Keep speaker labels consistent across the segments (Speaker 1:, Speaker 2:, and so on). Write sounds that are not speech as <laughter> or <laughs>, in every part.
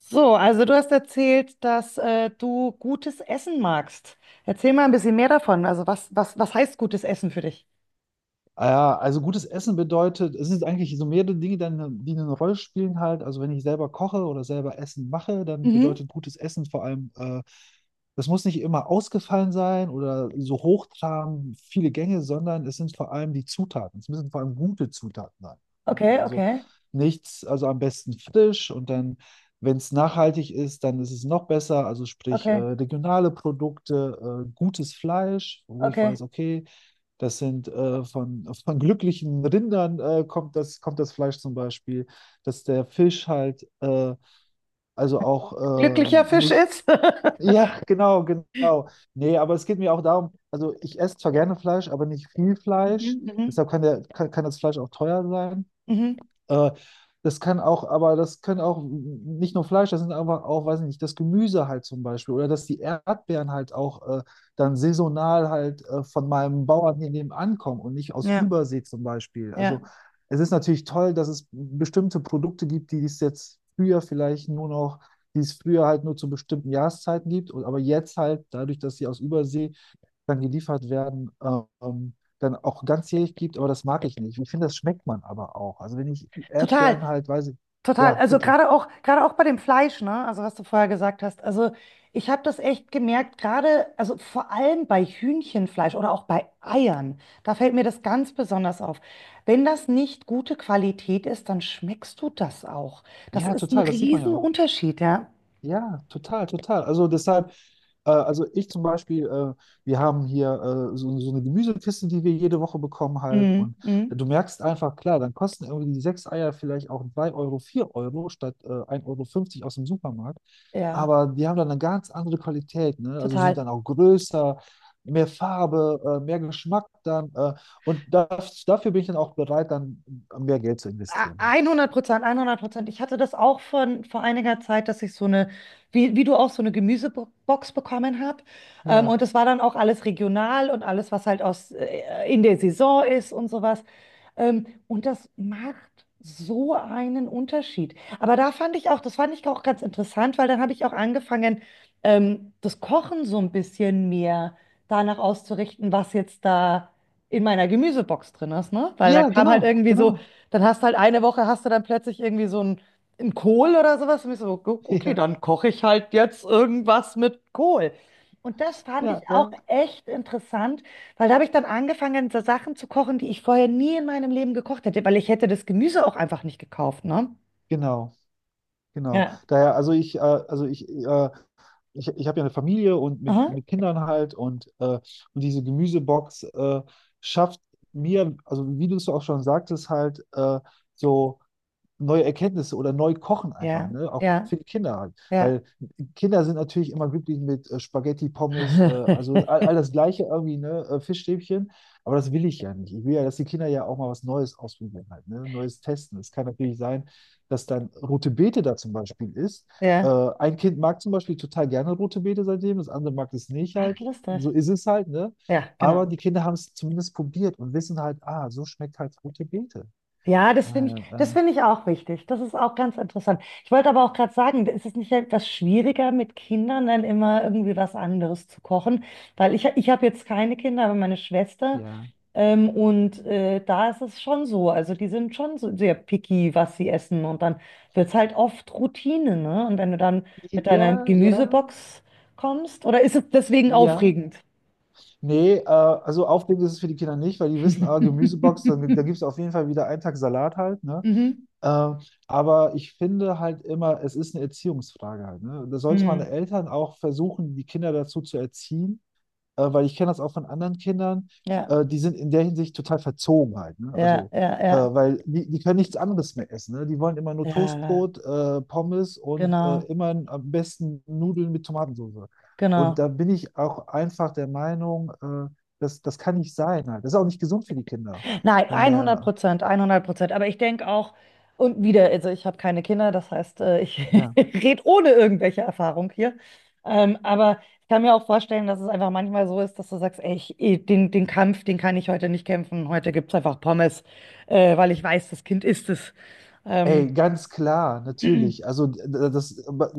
Speaker 1: So, also du hast erzählt, dass du gutes Essen magst. Erzähl mal ein bisschen mehr davon. Also was heißt gutes Essen für dich?
Speaker 2: Ah, ja, also gutes Essen bedeutet, es sind eigentlich so mehrere Dinge, die eine Rolle spielen halt. Also wenn ich selber koche oder selber Essen mache, dann
Speaker 1: Mhm.
Speaker 2: bedeutet gutes Essen vor allem, das muss nicht immer ausgefallen sein oder so hochtrabend viele Gänge, sondern es sind vor allem die Zutaten. Es müssen vor allem gute Zutaten sein, ne?
Speaker 1: Okay,
Speaker 2: Also
Speaker 1: okay,
Speaker 2: nichts, also am besten frisch und dann, wenn es nachhaltig ist, dann ist es noch besser. Also sprich,
Speaker 1: okay,
Speaker 2: regionale Produkte, gutes Fleisch, wo ich
Speaker 1: okay.
Speaker 2: weiß, okay, das sind von glücklichen Rindern kommt das Fleisch zum Beispiel, dass der Fisch halt also auch
Speaker 1: Glücklicher Fisch
Speaker 2: nicht. <laughs>
Speaker 1: ist. <laughs>
Speaker 2: Ja, genau, genau. Nee, aber es geht mir auch darum, also ich esse zwar gerne Fleisch, aber nicht viel
Speaker 1: Mhm,
Speaker 2: Fleisch.
Speaker 1: mhm,
Speaker 2: Deshalb kann das Fleisch auch teuer sein.
Speaker 1: mhm.
Speaker 2: Äh, Das kann auch, aber das können auch nicht nur Fleisch, das sind einfach auch, weiß ich nicht, das Gemüse halt zum Beispiel oder dass die Erdbeeren halt auch dann saisonal halt von meinem Bauern hier nebenan kommen und nicht aus
Speaker 1: Ja,
Speaker 2: Übersee zum Beispiel.
Speaker 1: ja.
Speaker 2: Also es ist natürlich toll, dass es bestimmte Produkte gibt, die es früher halt nur zu bestimmten Jahreszeiten gibt, aber jetzt halt dadurch, dass sie aus Übersee dann geliefert werden, ähm, dann auch ganzjährig gibt, aber das mag ich nicht. Ich finde, das schmeckt man aber auch. Also wenn ich
Speaker 1: Total.
Speaker 2: Erdbeeren halt, weiß ich,
Speaker 1: Total,
Speaker 2: ja,
Speaker 1: also
Speaker 2: bitte.
Speaker 1: gerade auch bei dem Fleisch, ne? Also was du vorher gesagt hast. Also ich habe das echt gemerkt, gerade, also vor allem bei Hühnchenfleisch oder auch bei Eiern, da fällt mir das ganz besonders auf. Wenn das nicht gute Qualität ist, dann schmeckst du das auch. Das
Speaker 2: Ja,
Speaker 1: ist ein
Speaker 2: total, das sieht man ja auch.
Speaker 1: Riesenunterschied, ja.
Speaker 2: Ja, total, total. Also deshalb, also ich zum Beispiel, wir haben hier so eine Gemüsekiste, die wir jede Woche bekommen halt.
Speaker 1: Mhm.
Speaker 2: Und
Speaker 1: Mhm.
Speaker 2: du merkst einfach, klar, dann kosten irgendwie die sechs Eier vielleicht auch 3 Euro, 4 Euro statt 1,50 Euro fünfzig aus dem Supermarkt.
Speaker 1: Ja,
Speaker 2: Aber die haben dann eine ganz andere Qualität, ne? Also sind
Speaker 1: total.
Speaker 2: dann auch größer, mehr Farbe, mehr Geschmack dann. Und das, dafür bin ich dann auch bereit, dann mehr Geld zu investieren halt.
Speaker 1: 100%, 100%. Ich hatte das auch vor einiger Zeit, dass ich so wie, wie du auch, so eine Gemüsebox bekommen habe.
Speaker 2: Ja.
Speaker 1: Und das war dann auch alles regional und alles, was halt in der Saison ist und sowas. Und das macht so einen Unterschied. Aber da fand ich auch, das fand ich auch ganz interessant, weil dann habe ich auch angefangen, das Kochen so ein bisschen mehr danach auszurichten, was jetzt da in meiner Gemüsebox drin ist, ne? Weil dann
Speaker 2: Ja,
Speaker 1: kam halt
Speaker 2: genau,
Speaker 1: irgendwie so,
Speaker 2: genau.
Speaker 1: dann hast du halt eine Woche, hast du dann plötzlich irgendwie so einen Kohl oder sowas. Und ich so, "Gu-
Speaker 2: <laughs>
Speaker 1: okay,
Speaker 2: Ja,
Speaker 1: dann koche ich halt jetzt irgendwas mit Kohl. Und das fand ich
Speaker 2: ja,
Speaker 1: auch
Speaker 2: ja.
Speaker 1: echt interessant, weil da habe ich dann angefangen, so Sachen zu kochen, die ich vorher nie in meinem Leben gekocht hätte, weil ich hätte das Gemüse auch einfach nicht gekauft, ne?
Speaker 2: Genau, genau.
Speaker 1: Ja.
Speaker 2: Daher, ich habe ja eine Familie und mit,
Speaker 1: Aha.
Speaker 2: mit Kindern halt und diese Gemüsebox schafft mir, also wie du es auch schon sagtest, halt so neue Erkenntnisse oder neu kochen einfach,
Speaker 1: Ja,
Speaker 2: ne? Auch
Speaker 1: ja,
Speaker 2: für die Kinder halt.
Speaker 1: ja.
Speaker 2: Weil Kinder sind natürlich immer glücklich mit Spaghetti, Pommes, also all
Speaker 1: <laughs>
Speaker 2: das Gleiche irgendwie, ne? Fischstäbchen. Aber das will ich ja nicht. Ich will ja, dass die Kinder ja auch mal was Neues ausprobieren halt, ne? Neues testen. Es kann natürlich sein, dass dann rote Beete da zum Beispiel ist. Äh,
Speaker 1: Ja.
Speaker 2: ein Kind mag zum Beispiel total gerne rote Beete seitdem, das andere mag es nicht
Speaker 1: Ach,
Speaker 2: halt. So
Speaker 1: lustig.
Speaker 2: ist es halt, ne?
Speaker 1: Ja,
Speaker 2: Aber
Speaker 1: genau.
Speaker 2: die Kinder haben es zumindest probiert und wissen halt, ah, so schmeckt halt rote Beete.
Speaker 1: Ja, das
Speaker 2: Ah,
Speaker 1: finde ich,
Speaker 2: ja,
Speaker 1: das finde ich auch wichtig. Das ist auch ganz interessant. Ich wollte aber auch gerade sagen, ist es nicht etwas schwieriger mit Kindern dann immer irgendwie was anderes zu kochen? Weil ich habe jetzt keine Kinder, aber meine Schwester.
Speaker 2: ja.
Speaker 1: Da ist es schon so. Also die sind schon so sehr picky, was sie essen. Und dann wird es halt oft Routine, ne? Und wenn du dann mit
Speaker 2: Ja,
Speaker 1: deiner
Speaker 2: ja,
Speaker 1: Gemüsebox kommst, oder ist es deswegen
Speaker 2: ja.
Speaker 1: aufregend?
Speaker 2: Nee, also aufregend ist es für die Kinder nicht, weil die wissen, ah, Gemüsebox, da gibt es auf jeden Fall wieder einen Tag Salat halt, ne?
Speaker 1: Mhm.
Speaker 2: Äh, aber ich finde halt immer, es ist eine Erziehungsfrage halt, ne? Da sollte man
Speaker 1: Mhm.
Speaker 2: Eltern auch versuchen, die Kinder dazu zu erziehen, weil ich kenne das auch von anderen Kindern,
Speaker 1: Ja,
Speaker 2: die sind in der Hinsicht total verzogen halt, ne?
Speaker 1: ja,
Speaker 2: Also,
Speaker 1: ja, ja.
Speaker 2: weil die, die können nichts anderes mehr essen, ne? Die wollen immer nur
Speaker 1: Ja,
Speaker 2: Toastbrot, Pommes und
Speaker 1: genau,
Speaker 2: immer am besten Nudeln mit Tomatensauce. Und
Speaker 1: genau.
Speaker 2: da bin ich auch einfach der Meinung, das, das kann nicht sein halt. Das ist auch nicht gesund für die Kinder.
Speaker 1: Nein, 100
Speaker 2: Daher,
Speaker 1: Prozent, 100%. Aber ich denke auch, und wieder, also ich habe keine Kinder, das heißt, ich <laughs>
Speaker 2: ja.
Speaker 1: rede ohne irgendwelche Erfahrung hier. Aber ich kann mir auch vorstellen, dass es einfach manchmal so ist, dass du sagst, ey, den Kampf, den kann ich heute nicht kämpfen. Heute gibt es einfach Pommes, weil ich weiß, das Kind isst es. Ähm,
Speaker 2: Ey, ganz klar, natürlich. Also,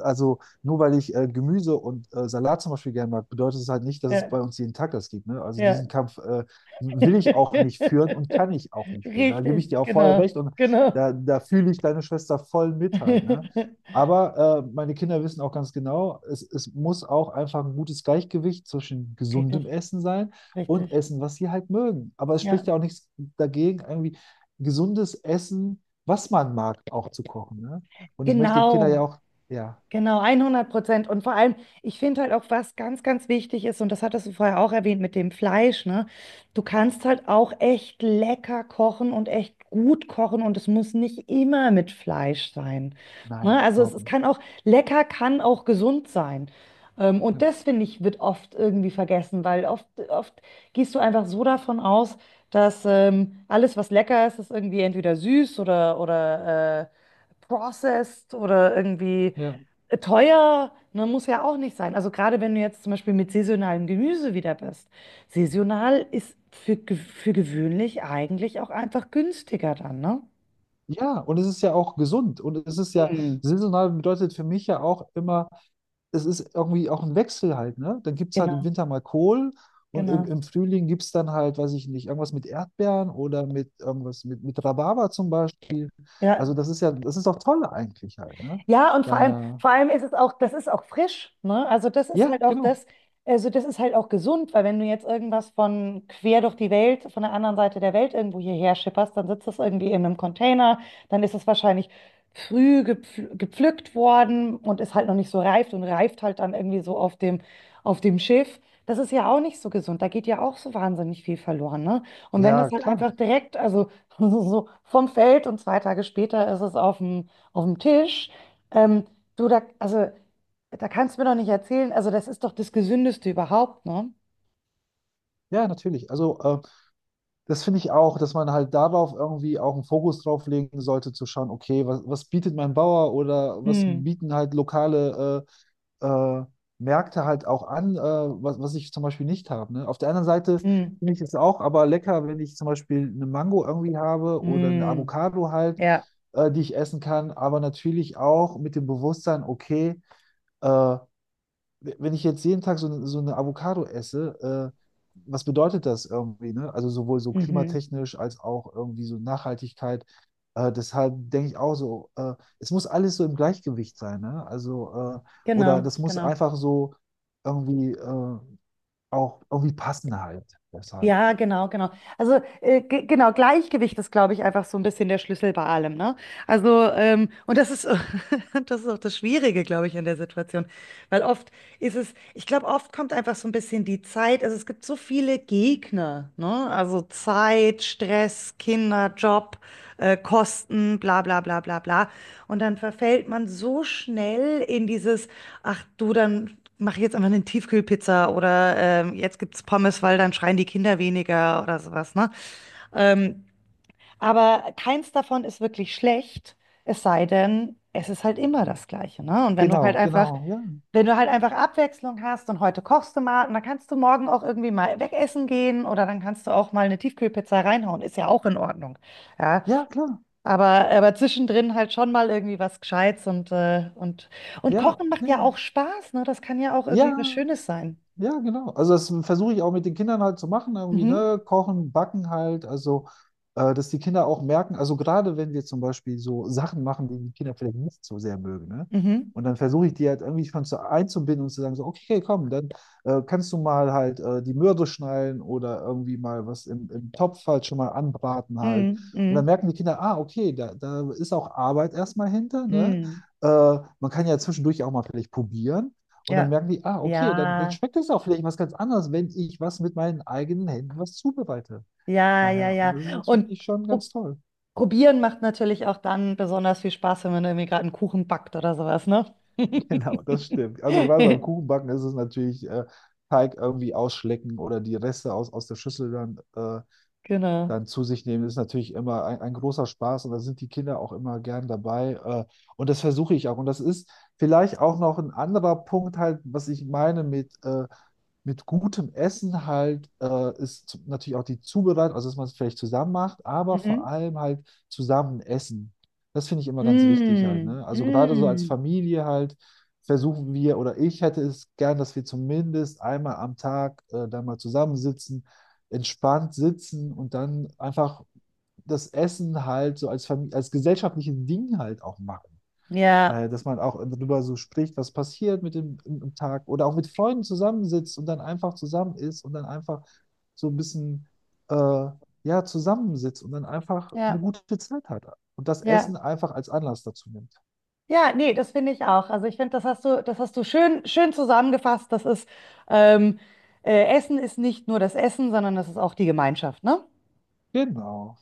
Speaker 2: also nur weil ich Gemüse und Salat zum Beispiel gerne mag, bedeutet es halt nicht, dass es bei
Speaker 1: ja,
Speaker 2: uns jeden Tag das gibt. Ne? Also
Speaker 1: ja.
Speaker 2: diesen Kampf will ich auch nicht führen und kann
Speaker 1: <laughs>
Speaker 2: ich auch nicht führen. Da gebe ich
Speaker 1: Richtig,
Speaker 2: dir auch voll recht
Speaker 1: genau,
Speaker 2: und
Speaker 1: genau.
Speaker 2: da fühle ich deine Schwester voll mit
Speaker 1: <laughs>
Speaker 2: halt. Ne? Aber meine Kinder wissen auch ganz genau, es muss auch einfach ein gutes Gleichgewicht zwischen gesundem
Speaker 1: Richtig,
Speaker 2: Essen sein und
Speaker 1: richtig.
Speaker 2: Essen, was sie halt mögen. Aber es
Speaker 1: Ja,
Speaker 2: spricht ja auch nichts dagegen, irgendwie gesundes Essen was man mag, auch zu kochen. Ne? Und ich möchte die Kinder ja
Speaker 1: genau.
Speaker 2: auch, ja,
Speaker 1: Genau, 100%. Und vor allem, ich finde halt auch, was ganz wichtig ist, und das hattest du vorher auch erwähnt mit dem Fleisch, ne? Du kannst halt auch echt lecker kochen und echt gut kochen und es muss nicht immer mit Fleisch sein.
Speaker 2: nein,
Speaker 1: Ne? Also
Speaker 2: überhaupt
Speaker 1: es
Speaker 2: nicht.
Speaker 1: kann auch, lecker kann auch gesund sein. Und
Speaker 2: Ja.
Speaker 1: das, finde ich, wird oft irgendwie vergessen, weil oft gehst du einfach so davon aus, dass alles, was lecker ist, ist irgendwie entweder süß oder processed oder irgendwie
Speaker 2: Ja.
Speaker 1: teuer, ne, muss ja auch nicht sein. Also gerade wenn du jetzt zum Beispiel mit saisonalem Gemüse wieder bist. Saisonal ist für gewöhnlich eigentlich auch einfach günstiger dann, ne?
Speaker 2: Ja, und es ist ja auch gesund. Und es ist ja,
Speaker 1: Mhm.
Speaker 2: saisonal bedeutet für mich ja auch immer, es ist irgendwie auch ein Wechsel halt. Ne? Dann gibt es halt im
Speaker 1: Genau,
Speaker 2: Winter mal Kohl und im,
Speaker 1: genau.
Speaker 2: im Frühling gibt es dann halt, weiß ich nicht, irgendwas mit Erdbeeren oder mit irgendwas mit Rhabarber zum Beispiel.
Speaker 1: Ja,
Speaker 2: Also das ist ja, das ist auch toll eigentlich halt. Ne?
Speaker 1: ja, und vor allem,
Speaker 2: Daher,
Speaker 1: vor allem ist es auch, das ist auch frisch, ne? Also das ist
Speaker 2: ja,
Speaker 1: halt auch
Speaker 2: genau.
Speaker 1: das, also das ist halt auch gesund, weil wenn du jetzt irgendwas von quer durch die Welt, von der anderen Seite der Welt irgendwo hierher schipperst, dann sitzt das irgendwie in einem Container, dann ist es wahrscheinlich früh gepfl gepflückt worden und ist halt noch nicht so reift und reift halt dann irgendwie so auf dem Schiff. Das ist ja auch nicht so gesund, da geht ja auch so wahnsinnig viel verloren, ne? Und wenn das
Speaker 2: Ja,
Speaker 1: halt
Speaker 2: klar.
Speaker 1: einfach direkt, also <laughs> so vom Feld und zwei Tage später ist es auf dem Tisch, ähm, du, da, also, da kannst du mir doch nicht erzählen, also das ist doch das Gesündeste überhaupt, ne?
Speaker 2: Ja, natürlich. Also das finde ich auch, dass man halt darauf irgendwie auch einen Fokus drauf legen sollte, zu schauen, okay, was, was bietet mein Bauer oder was
Speaker 1: Mm,
Speaker 2: bieten halt lokale äh, äh, Märkte halt auch an, was, was ich zum Beispiel nicht habe. Ne? Auf der anderen Seite
Speaker 1: mm,
Speaker 2: finde ich es auch aber lecker, wenn ich zum Beispiel eine Mango irgendwie habe oder eine
Speaker 1: mm.
Speaker 2: Avocado halt,
Speaker 1: Ja,
Speaker 2: die ich essen kann, aber natürlich auch mit dem Bewusstsein, okay, äh, wenn ich jetzt jeden Tag so, so eine Avocado esse, äh, was bedeutet das irgendwie, ne? Also sowohl so
Speaker 1: mhm.
Speaker 2: klimatechnisch als auch irgendwie so Nachhaltigkeit. Deshalb denke ich auch so, es muss alles so im Gleichgewicht sein, ne? Also, oder
Speaker 1: Genau,
Speaker 2: das muss
Speaker 1: genau.
Speaker 2: einfach so irgendwie auch irgendwie passen halt. Deshalb.
Speaker 1: Ja, genau, genau. Also genau, Gleichgewicht ist, glaube ich, einfach so ein bisschen der Schlüssel bei allem, ne? Also, und das ist, <laughs> das ist auch das Schwierige, glaube ich, in der Situation. Weil oft ist es, ich glaube, oft kommt einfach so ein bisschen die Zeit, also es gibt so viele Gegner, ne? Also Zeit, Stress, Kinder, Job, Kosten, bla bla bla bla bla. Und dann verfällt man so schnell in dieses, ach du, dann. Mach jetzt einfach eine Tiefkühlpizza oder jetzt gibt's Pommes, weil dann schreien die Kinder weniger oder sowas, ne? Ähm, aber keins davon ist wirklich schlecht, es sei denn, es ist halt immer das Gleiche, ne? Und wenn
Speaker 2: Genau, genau, ja.
Speaker 1: du halt einfach Abwechslung hast und heute kochst du mal und dann kannst du morgen auch irgendwie mal wegessen gehen oder dann kannst du auch mal eine Tiefkühlpizza reinhauen, ist ja auch in Ordnung, ja?
Speaker 2: Ja, klar.
Speaker 1: Aber zwischendrin halt schon mal irgendwie was Gescheites und
Speaker 2: Ja,
Speaker 1: Kochen macht ja
Speaker 2: nee.
Speaker 1: auch Spaß, ne? Das kann ja auch irgendwie was
Speaker 2: Ja.
Speaker 1: Schönes sein.
Speaker 2: Ja, genau. Also das versuche ich auch mit den Kindern halt zu machen, irgendwie,
Speaker 1: Mhm.
Speaker 2: ne? Kochen, backen halt, also dass die Kinder auch merken, also gerade wenn wir zum Beispiel so Sachen machen, die die Kinder vielleicht nicht so sehr mögen, ne?
Speaker 1: Mhm.
Speaker 2: Und dann versuche ich die halt irgendwie schon einzubinden und zu sagen, so, okay, okay, komm, dann kannst du mal halt die Möhre schneiden oder irgendwie mal was im Topf halt schon mal anbraten halt.
Speaker 1: Mhm.
Speaker 2: Und dann
Speaker 1: Mhm.
Speaker 2: merken die Kinder, ah, okay, da ist auch Arbeit erstmal hinter, ne?
Speaker 1: Mhm.
Speaker 2: Äh, Man kann ja zwischendurch auch mal vielleicht probieren. Und dann
Speaker 1: Ja.
Speaker 2: merken die, ah, okay, dann
Speaker 1: Ja,
Speaker 2: schmeckt es auch vielleicht was ganz anderes, wenn ich was mit meinen eigenen Händen was zubereite.
Speaker 1: ja, ja,
Speaker 2: Daher, und
Speaker 1: ja.
Speaker 2: das ist
Speaker 1: Und
Speaker 2: natürlich schon ganz
Speaker 1: pro
Speaker 2: toll. <laughs>
Speaker 1: probieren macht natürlich auch dann besonders viel Spaß, wenn man irgendwie gerade einen Kuchen backt oder sowas, ne?
Speaker 2: Genau,
Speaker 1: <laughs>
Speaker 2: das stimmt. Also gerade beim Kuchenbacken ist es natürlich Teig irgendwie ausschlecken oder die Reste aus der Schüssel dann äh,
Speaker 1: Genau.
Speaker 2: dann zu sich nehmen, ist natürlich immer ein großer Spaß und da sind die Kinder auch immer gern dabei. Und das versuche ich auch. Und das ist vielleicht auch noch ein anderer Punkt halt, was ich meine mit gutem Essen halt, natürlich auch die Zubereitung, also dass man es vielleicht zusammen macht, aber vor
Speaker 1: Mhm.
Speaker 2: allem halt zusammen essen. Das finde ich immer ganz wichtig halt,
Speaker 1: Mm,
Speaker 2: ne? Also gerade so als
Speaker 1: mm.
Speaker 2: Familie halt versuchen wir oder ich hätte es gern, dass wir zumindest einmal am Tag da mal zusammensitzen entspannt sitzen und dann einfach das Essen halt so als Familie, als gesellschaftliches Ding halt auch machen.
Speaker 1: Ja,
Speaker 2: Daher, dass man auch darüber so spricht, was passiert mit dem im Tag oder auch mit Freunden zusammensitzt und dann einfach zusammen ist und dann einfach so ein bisschen äh, ja, zusammensitzt und dann einfach eine
Speaker 1: ja,
Speaker 2: gute Zeit hat und das
Speaker 1: ja.
Speaker 2: Essen einfach als Anlass dazu nimmt.
Speaker 1: Ja, nee, das finde ich auch. Also ich finde, das hast du schön zusammengefasst. Ähm, Essen ist nicht nur das Essen, sondern das ist auch die Gemeinschaft, ne?
Speaker 2: Genau.